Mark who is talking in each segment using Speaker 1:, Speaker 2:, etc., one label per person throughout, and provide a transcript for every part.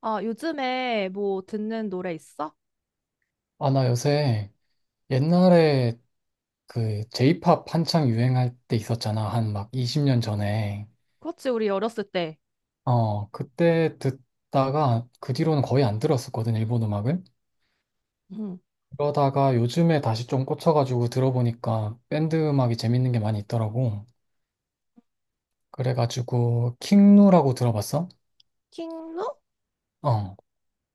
Speaker 1: 아, 요즘에 뭐 듣는 노래 있어?
Speaker 2: 아, 나 요새 옛날에 그 J-pop 한창 유행할 때 있었잖아. 한 막 20년 전에.
Speaker 1: 그렇지, 우리 어렸을 때.
Speaker 2: 어, 그때 듣다가 그 뒤로는 거의 안 들었었거든, 일본 음악을.
Speaker 1: 응.
Speaker 2: 그러다가 요즘에 다시 좀 꽂혀가지고 들어보니까 밴드 음악이 재밌는 게 많이 있더라고. 그래가지고 킹누라고 들어봤어?
Speaker 1: 킹누?
Speaker 2: 어,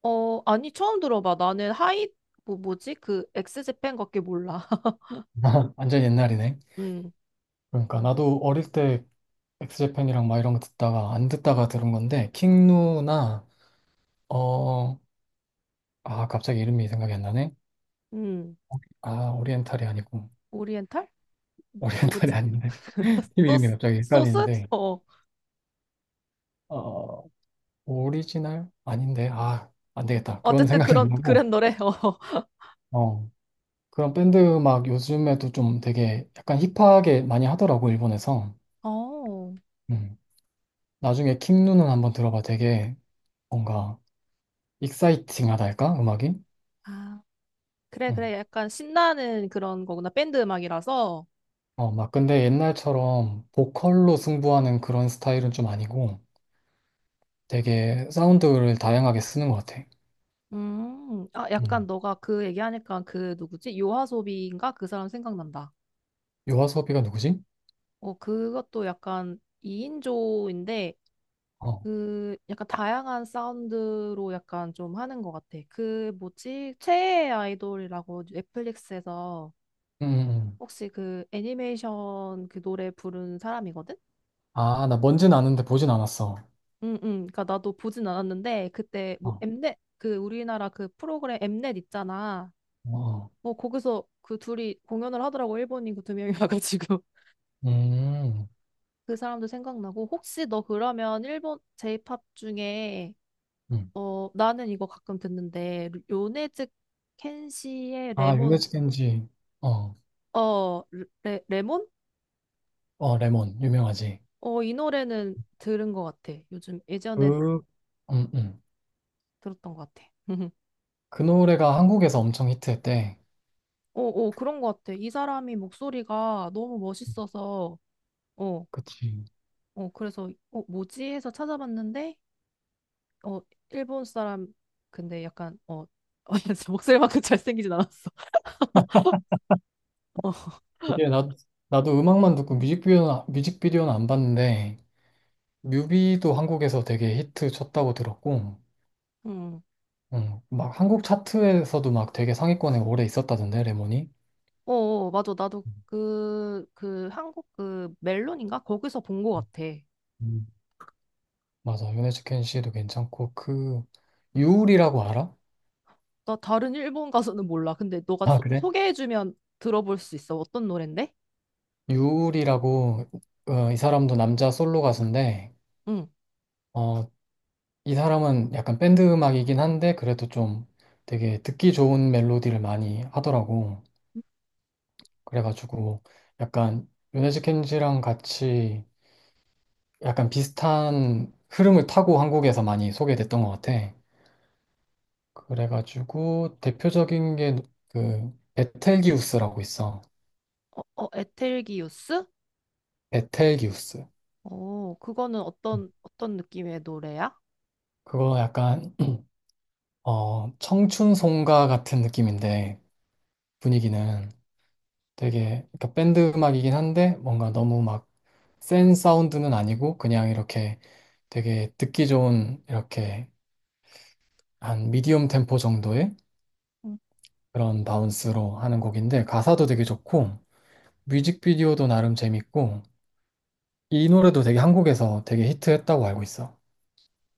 Speaker 1: 어, 아니, 처음 들어봐. 나는 뭐, 뭐지? 그, 엑스제팬밖에 몰라.
Speaker 2: 완전 옛날이네.
Speaker 1: 응,
Speaker 2: 그러니까 나도 어릴 때 엑스제팬이랑 막 이런 거 듣다가 안 듣다가 들은 건데 킹누나 어, 아, 갑자기 이름이 생각이 안 나네.
Speaker 1: 응.
Speaker 2: 아, 오리엔탈이 아니고,
Speaker 1: 오리엔탈? 뭐,
Speaker 2: 오리엔탈이
Speaker 1: 누구지?
Speaker 2: 아닌데. 팀 이름이
Speaker 1: 소스?
Speaker 2: 갑자기
Speaker 1: 소스?
Speaker 2: 헷갈리는데,
Speaker 1: 어. 어.
Speaker 2: 어, 오리지널? 아닌데, 아, 안 되겠다. 그건
Speaker 1: 어쨌든
Speaker 2: 생각이 안
Speaker 1: 그런,
Speaker 2: 나고,
Speaker 1: 그런 노래.
Speaker 2: 어, 그런 밴드 막 요즘에도 좀 되게 약간 힙하게 많이 하더라고, 일본에서.
Speaker 1: 어. 어.
Speaker 2: 음. 나중에 킹누는 한번 들어봐. 되게 뭔가 익사이팅하다 할까? 음악이?
Speaker 1: 아, 그래, 그래.
Speaker 2: 음.
Speaker 1: 약간 신나는 그런 거구나. 밴드 음악이라서.
Speaker 2: 어, 막 근데 옛날처럼 보컬로 승부하는 그런 스타일은 좀 아니고 되게 사운드를 다양하게 쓰는 것 같아.
Speaker 1: 아, 약간
Speaker 2: 음.
Speaker 1: 너가 그 얘기하니까 그 누구지? 요하소비인가? 그 사람 생각난다.
Speaker 2: 요아소비가 누구지?
Speaker 1: 어, 그것도 약간 2인조인데,
Speaker 2: 어,
Speaker 1: 그, 약간 다양한 사운드로 약간 좀 하는 것 같아. 그, 뭐지? 최애 아이돌이라고 넷플릭스에서
Speaker 2: 음.
Speaker 1: 혹시 그 애니메이션 그 노래 부른 사람이거든?
Speaker 2: 아, 나 뭔지는 아는데 보진 않았어.
Speaker 1: 응, 응. 그니까 나도 보진 않았는데, 그때 뭐
Speaker 2: 어,
Speaker 1: 엠넷, 그 우리나라 그 프로그램 엠넷 있잖아.
Speaker 2: 어,
Speaker 1: 어, 거기서 그 둘이 공연을 하더라고. 일본인 그 두 명이 와가지고.
Speaker 2: 음,
Speaker 1: 그 사람도 생각나고, 혹시 너 그러면 일본 제이팝 중에,
Speaker 2: 음.
Speaker 1: 어, 나는 이거 가끔 듣는데, 요네즈 켄시의
Speaker 2: 아, 유네
Speaker 1: 레몬,
Speaker 2: 스겐지 어,
Speaker 1: 어, 레몬?
Speaker 2: 어, 레몬, 유명하지.
Speaker 1: 어, 이 노래는 들은 것 같아. 요즘 예전에
Speaker 2: 그, 음, 음.
Speaker 1: 들었던 것 같아.
Speaker 2: 그 노래가 한국에서 엄청 히트했대.
Speaker 1: 어, 어, 그런 것 같아. 이 사람이 목소리가 너무 멋있어서, 어,
Speaker 2: 그치.
Speaker 1: 그래서, 뭐지? 해서 찾아봤는데, 어, 일본 사람, 근데 약간, 목소리만큼 잘생기진 않았어. 어,
Speaker 2: 이게 나도 음악만 듣고 뮤직비디오는 안 봤는데, 뮤비도 한국에서 되게 히트 쳤다고 들었고,
Speaker 1: 음.
Speaker 2: 막 한국 차트에서도 막 되게 상위권에 오래 있었다던데, 레몬이.
Speaker 1: 어, 어, 맞아. 나도 그, 한국 그 멜론인가? 거기서 본 것 같아.
Speaker 2: 음, 맞아. 유네즈켄 씨도 괜찮고 그 유울이라고 알아?
Speaker 1: 나 다른 일본 가수는 몰라. 근데 너가
Speaker 2: 아, 그래?
Speaker 1: 소개해주면 들어볼 수 있어. 어떤 노랜데?
Speaker 2: 유울이라고 어, 이 사람도 남자 솔로 가수인데
Speaker 1: 응.
Speaker 2: 어, 이 사람은 약간 밴드 음악이긴 한데 그래도 좀 되게 듣기 좋은 멜로디를 많이 하더라고. 그래가지고 약간 요네즈 켄지랑 같이 약간 비슷한 흐름을 타고 한국에서 많이 소개됐던 것 같아. 그래가지고 대표적인 게 그 베텔기우스라고 있어.
Speaker 1: 어, 어, 에텔기우스?
Speaker 2: 베텔기우스.
Speaker 1: 어, 그거는 어떤, 어떤 느낌의 노래야?
Speaker 2: 그거 약간 어, 청춘송가 같은 느낌인데 분위기는 되게 그러니까 밴드 음악이긴 한데 뭔가 너무 막 센 사운드는 아니고 그냥 이렇게 되게 듣기 좋은 이렇게 한 미디엄 템포 정도의
Speaker 1: 응.
Speaker 2: 그런 바운스로 하는 곡인데 가사도 되게 좋고 뮤직비디오도 나름 재밌고 이 노래도 되게 한국에서 되게 히트했다고 알고 있어.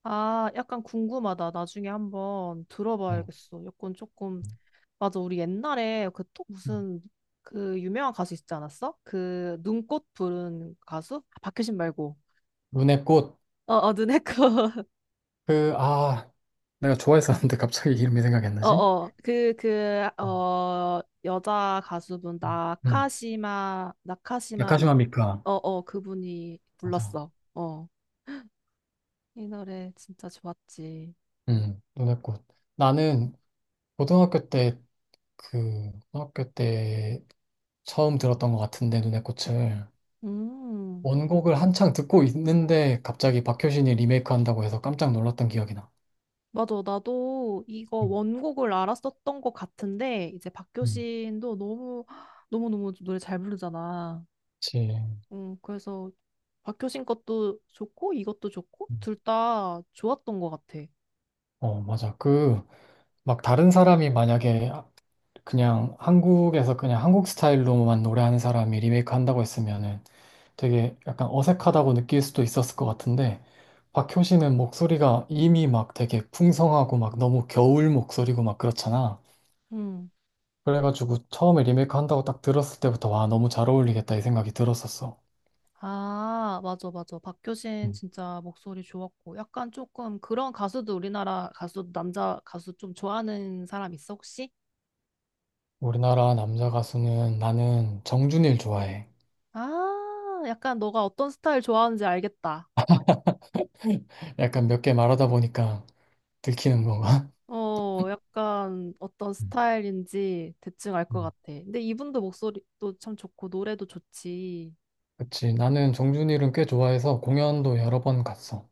Speaker 1: 아, 약간 궁금하다. 나중에 한번
Speaker 2: 음.
Speaker 1: 들어봐야겠어. 약간 조금, 맞아. 우리 옛날에 그 또
Speaker 2: 음.
Speaker 1: 무슨 그 유명한 가수 있지 않았어? 그 눈꽃 부른 가수? 아, 박효신 말고.
Speaker 2: 눈의 꽃.
Speaker 1: 어, 어, 눈의 꽃.
Speaker 2: 그, 아, 내가 좋아했었는데 갑자기 이름이 생각이 안 나지?
Speaker 1: 어어, 그, 그, 여자 가수분,
Speaker 2: 음,
Speaker 1: 나카시마, 나카시마 미.
Speaker 2: 나카시마 미카.
Speaker 1: 어어, 그분이
Speaker 2: 맞아.
Speaker 1: 불렀어. 어이 노래 진짜 좋았지.
Speaker 2: 눈의 꽃. 나는 고등학교 때 그, 고등학교 때 처음 들었던 것 같은데, 눈의 꽃을.
Speaker 1: 음.
Speaker 2: 원곡을 한창 듣고 있는데, 갑자기 박효신이 리메이크 한다고 해서 깜짝 놀랐던 기억이 나.
Speaker 1: 맞아. 나도 이거
Speaker 2: 음,
Speaker 1: 원곡을 알았었던 것 같은데, 이제
Speaker 2: 음,
Speaker 1: 박효신도 너무너무 노래 잘 부르잖아.
Speaker 2: 그치.
Speaker 1: 음, 그래서 박효신 것도 좋고, 이것도 좋고,
Speaker 2: 음,
Speaker 1: 둘 다 좋았던 것 같아.
Speaker 2: 어, 맞아. 그, 막 다른 사람이 만약에 그냥 한국에서 그냥 한국 스타일로만 노래하는 사람이 리메이크 한다고 했으면은 되게 약간 어색하다고 느낄 수도 있었을 것 같은데 박효신은 목소리가 이미 막 되게 풍성하고 막 너무 겨울 목소리고 막 그렇잖아.
Speaker 1: 음.
Speaker 2: 그래가지고 처음에 리메이크 한다고 딱 들었을 때부터 와 너무 잘 어울리겠다 이 생각이 들었었어.
Speaker 1: 아, 맞아, 맞아. 박효신
Speaker 2: 음.
Speaker 1: 진짜 목소리 좋았고. 약간 조금 그런 가수도, 우리나라 가수, 남자 가수 좀 좋아하는 사람 있어, 혹시?
Speaker 2: 우리나라 남자 가수는 나는 정준일 좋아해.
Speaker 1: 아, 약간 너가 어떤 스타일 좋아하는지 알겠다.
Speaker 2: 약간 몇 개 말하다 보니까 들키는 건가?
Speaker 1: 어, 약간 어떤
Speaker 2: 음,
Speaker 1: 스타일인지 대충 알 것
Speaker 2: 음,
Speaker 1: 같아. 근데 이분도 목소리도 참 좋고, 노래도 좋지.
Speaker 2: 그치. 나는 정준일은 꽤 좋아해서 공연도 여러 번 갔어.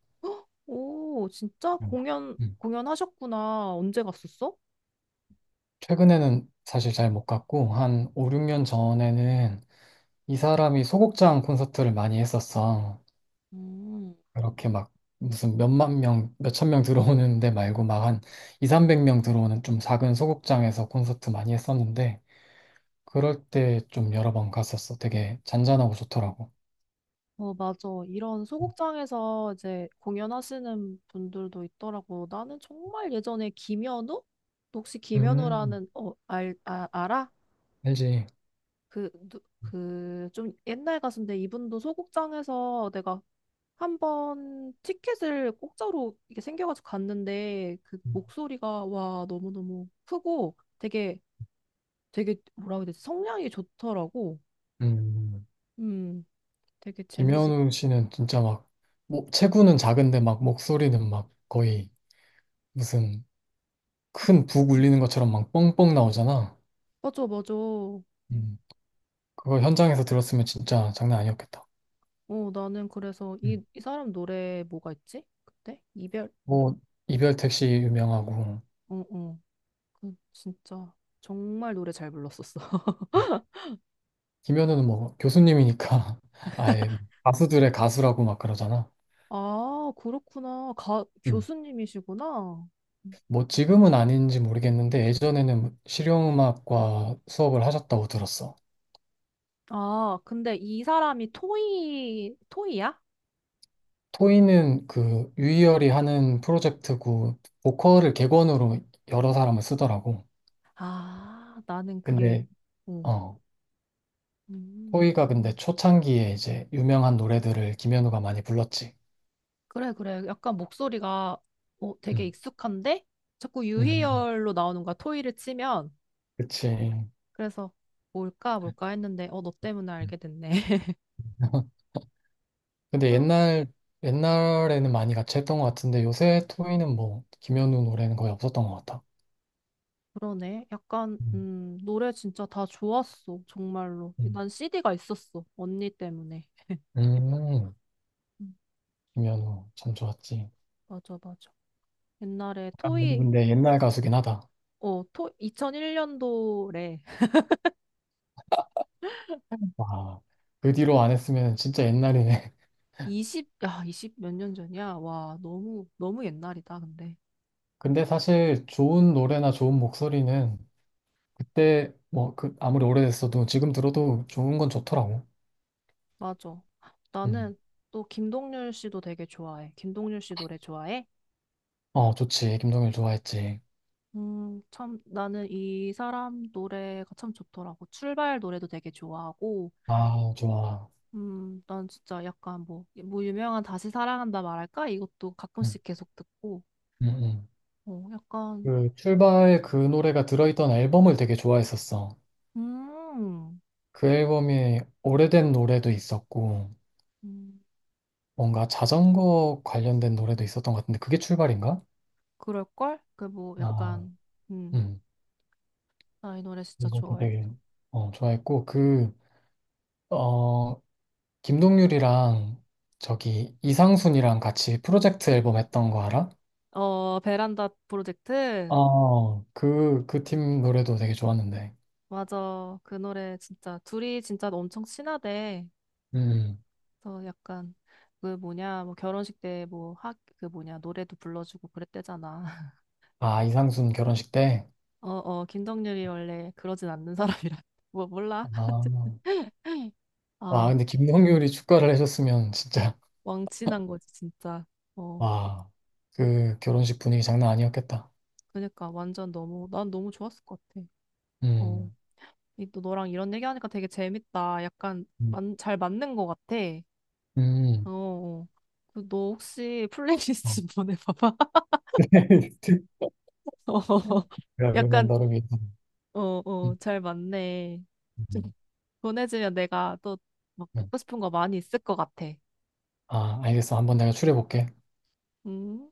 Speaker 1: 오, 진짜
Speaker 2: 음, 음.
Speaker 1: 공연하셨구나. 언제 갔었어?
Speaker 2: 최근에는 사실 잘 못 갔고, 한 5, 6년 전에는 이 사람이 소극장 콘서트를 많이 했었어.
Speaker 1: 음.
Speaker 2: 그렇게 막 무슨 몇만 명, 몇천 명 들어오는 데 말고 막 한 2, 300명 들어오는 좀 작은 소극장에서 콘서트 많이 했었는데 그럴 때 좀 여러 번 갔었어. 되게 잔잔하고 좋더라고.
Speaker 1: 어, 맞아. 이런 소극장에서 이제 공연하시는 분들도 있더라고. 나는 정말 예전에 김현우? 너 혹시
Speaker 2: 음.
Speaker 1: 김현우라는, 어, 알아?
Speaker 2: 알지?
Speaker 1: 그, 좀 옛날 가수인데, 이분도 소극장에서 내가 한번 티켓을 공짜로 이게 생겨가지고 갔는데, 그
Speaker 2: 음.
Speaker 1: 목소리가 와, 너무너무 크고 되게 뭐라고 해야 되지? 성량이 좋더라고.
Speaker 2: 음.
Speaker 1: 음, 되게 재밌어.
Speaker 2: 김현우 씨는 진짜 막 뭐, 체구는 작은데 막 목소리는 막 거의 무슨 큰 북 울리는 것처럼 막 뻥뻥 나오잖아.
Speaker 1: 맞아, 맞아.
Speaker 2: 음. 그거 현장에서 들었으면 진짜 장난 아니었겠다.
Speaker 1: 어, 나는 그래서 이 사람 노래 뭐가 있지? 그때? 이별?
Speaker 2: 뭐 이별 택시 유명하고
Speaker 1: 어, 어. 그 진짜 정말 노래 잘 불렀었어.
Speaker 2: 김현우는 뭐 교수님이니까 아예 뭐 가수들의 가수라고 막 그러잖아.
Speaker 1: 아, 그렇구나.
Speaker 2: 음.
Speaker 1: 교수님이시구나.
Speaker 2: 뭐 지금은 아닌지 모르겠는데 예전에는 실용음악과 수업을 하셨다고 들었어.
Speaker 1: 아, 근데 이 사람이 토이야?
Speaker 2: 토이는 그 유희열이 하는 프로젝트고 보컬을 객원으로 여러 사람을 쓰더라고.
Speaker 1: 아, 나는 그게,
Speaker 2: 근데
Speaker 1: 어.
Speaker 2: 어
Speaker 1: 음,
Speaker 2: 토이가 근데 초창기에 이제 유명한 노래들을 김현우가 많이 불렀지.
Speaker 1: 그래, 그래. 약간 목소리가, 어, 되게
Speaker 2: 음.
Speaker 1: 익숙한데? 자꾸
Speaker 2: 음.
Speaker 1: 유희열로 나오는 거야, 토이를 치면.
Speaker 2: 그치.
Speaker 1: 그래서 뭘까, 뭘까 했는데, 어, 너 때문에 알게 됐네.
Speaker 2: 근데
Speaker 1: 그럼.
Speaker 2: 옛날에는 많이 같이 했던 것 같은데 요새 토이는 뭐, 김현우 노래는 거의 없었던 것 같아.
Speaker 1: 그러네. 약간,
Speaker 2: 음,
Speaker 1: 노래 진짜 다 좋았어. 정말로.
Speaker 2: 음.
Speaker 1: 난 CD가 있었어. 언니 때문에.
Speaker 2: 음,
Speaker 1: 음,
Speaker 2: 김현우 참 좋았지.
Speaker 1: 맞아, 맞아. 옛날에
Speaker 2: 아,
Speaker 1: 토이,
Speaker 2: 근데 옛날 가수긴 하다.
Speaker 1: 어, 2001년도래.
Speaker 2: 와, 그 뒤로 안 했으면 진짜 옛날이네.
Speaker 1: 20, 야, 20 몇 년 전이야? 와, 너무, 너무 옛날이다, 근데.
Speaker 2: 근데 사실 좋은 노래나 좋은 목소리는 그때 뭐 그 아무리 오래됐어도 지금 들어도 좋은 건 좋더라고.
Speaker 1: 맞아.
Speaker 2: 음.
Speaker 1: 나는 또 김동률 씨도 되게 좋아해. 김동률 씨 노래 좋아해?
Speaker 2: 어, 좋지. 김동률 좋아했지.
Speaker 1: 참, 나는 이 사람 노래가 참 좋더라고. 출발 노래도 되게 좋아하고,
Speaker 2: 아, 좋아.
Speaker 1: 난 진짜 약간 뭐, 유명한 다시 사랑한다 말할까? 이것도
Speaker 2: 음,
Speaker 1: 가끔씩 계속 듣고,
Speaker 2: 음, 음.
Speaker 1: 어, 약간,
Speaker 2: 그 출발 그 노래가 들어있던 앨범을 되게 좋아했었어.
Speaker 1: 음,
Speaker 2: 그 앨범에 오래된 노래도 있었고,
Speaker 1: 음,
Speaker 2: 뭔가 자전거 관련된 노래도 있었던 것 같은데, 그게 출발인가?
Speaker 1: 그럴걸? 그 뭐,
Speaker 2: 아,
Speaker 1: 약간, 음,
Speaker 2: 음.
Speaker 1: 나 이 노래 진짜
Speaker 2: 이것도 되게,
Speaker 1: 좋아했어.
Speaker 2: 어, 좋아했고, 그, 어, 김동률이랑 저기 이상순이랑 같이 프로젝트 앨범 했던 거 알아?
Speaker 1: 어, 베란다 프로젝트?
Speaker 2: 어, 그, 그 팀 노래도 되게 좋았는데.
Speaker 1: 맞아. 그 노래 진짜, 둘이 진짜 엄청 친하대.
Speaker 2: 음.
Speaker 1: 그래서 약간, 그 뭐냐, 뭐 결혼식 때 뭐, 그 뭐냐, 노래도 불러주고 그랬대잖아.
Speaker 2: 아, 이상순 결혼식 때?
Speaker 1: 어, 어, 김덕률이 원래 그러진 않는 사람이라. 뭐, 몰라?
Speaker 2: 아, 와,
Speaker 1: 아,
Speaker 2: 근데 김동률이 축가를 해줬으면 진짜
Speaker 1: 왕친한 거지, 진짜. 어,
Speaker 2: 와, 그 결혼식 분위기 장난 아니었겠다.
Speaker 1: 그러니까 완전 너무, 난 너무 좋았을 것 같아. 어,
Speaker 2: 음,
Speaker 1: 이 또 너랑 이런 얘기하니까 되게 재밌다. 약간
Speaker 2: 음,
Speaker 1: 잘 맞는 것 같아. 어,
Speaker 2: 음.
Speaker 1: 어. 그너 혹시
Speaker 2: 어.
Speaker 1: 플레이리스트 좀 보내봐봐. 어,
Speaker 2: 그러면
Speaker 1: 약간,
Speaker 2: 다르게.
Speaker 1: 어, 어,
Speaker 2: 음,
Speaker 1: 잘 맞네. 좀
Speaker 2: 음,
Speaker 1: 보내주면 내가 또 막
Speaker 2: 음.
Speaker 1: 듣고 싶은 거 많이 있을 것 같아.
Speaker 2: 아, 알겠어. 한번 내가 추려볼게.
Speaker 1: 음.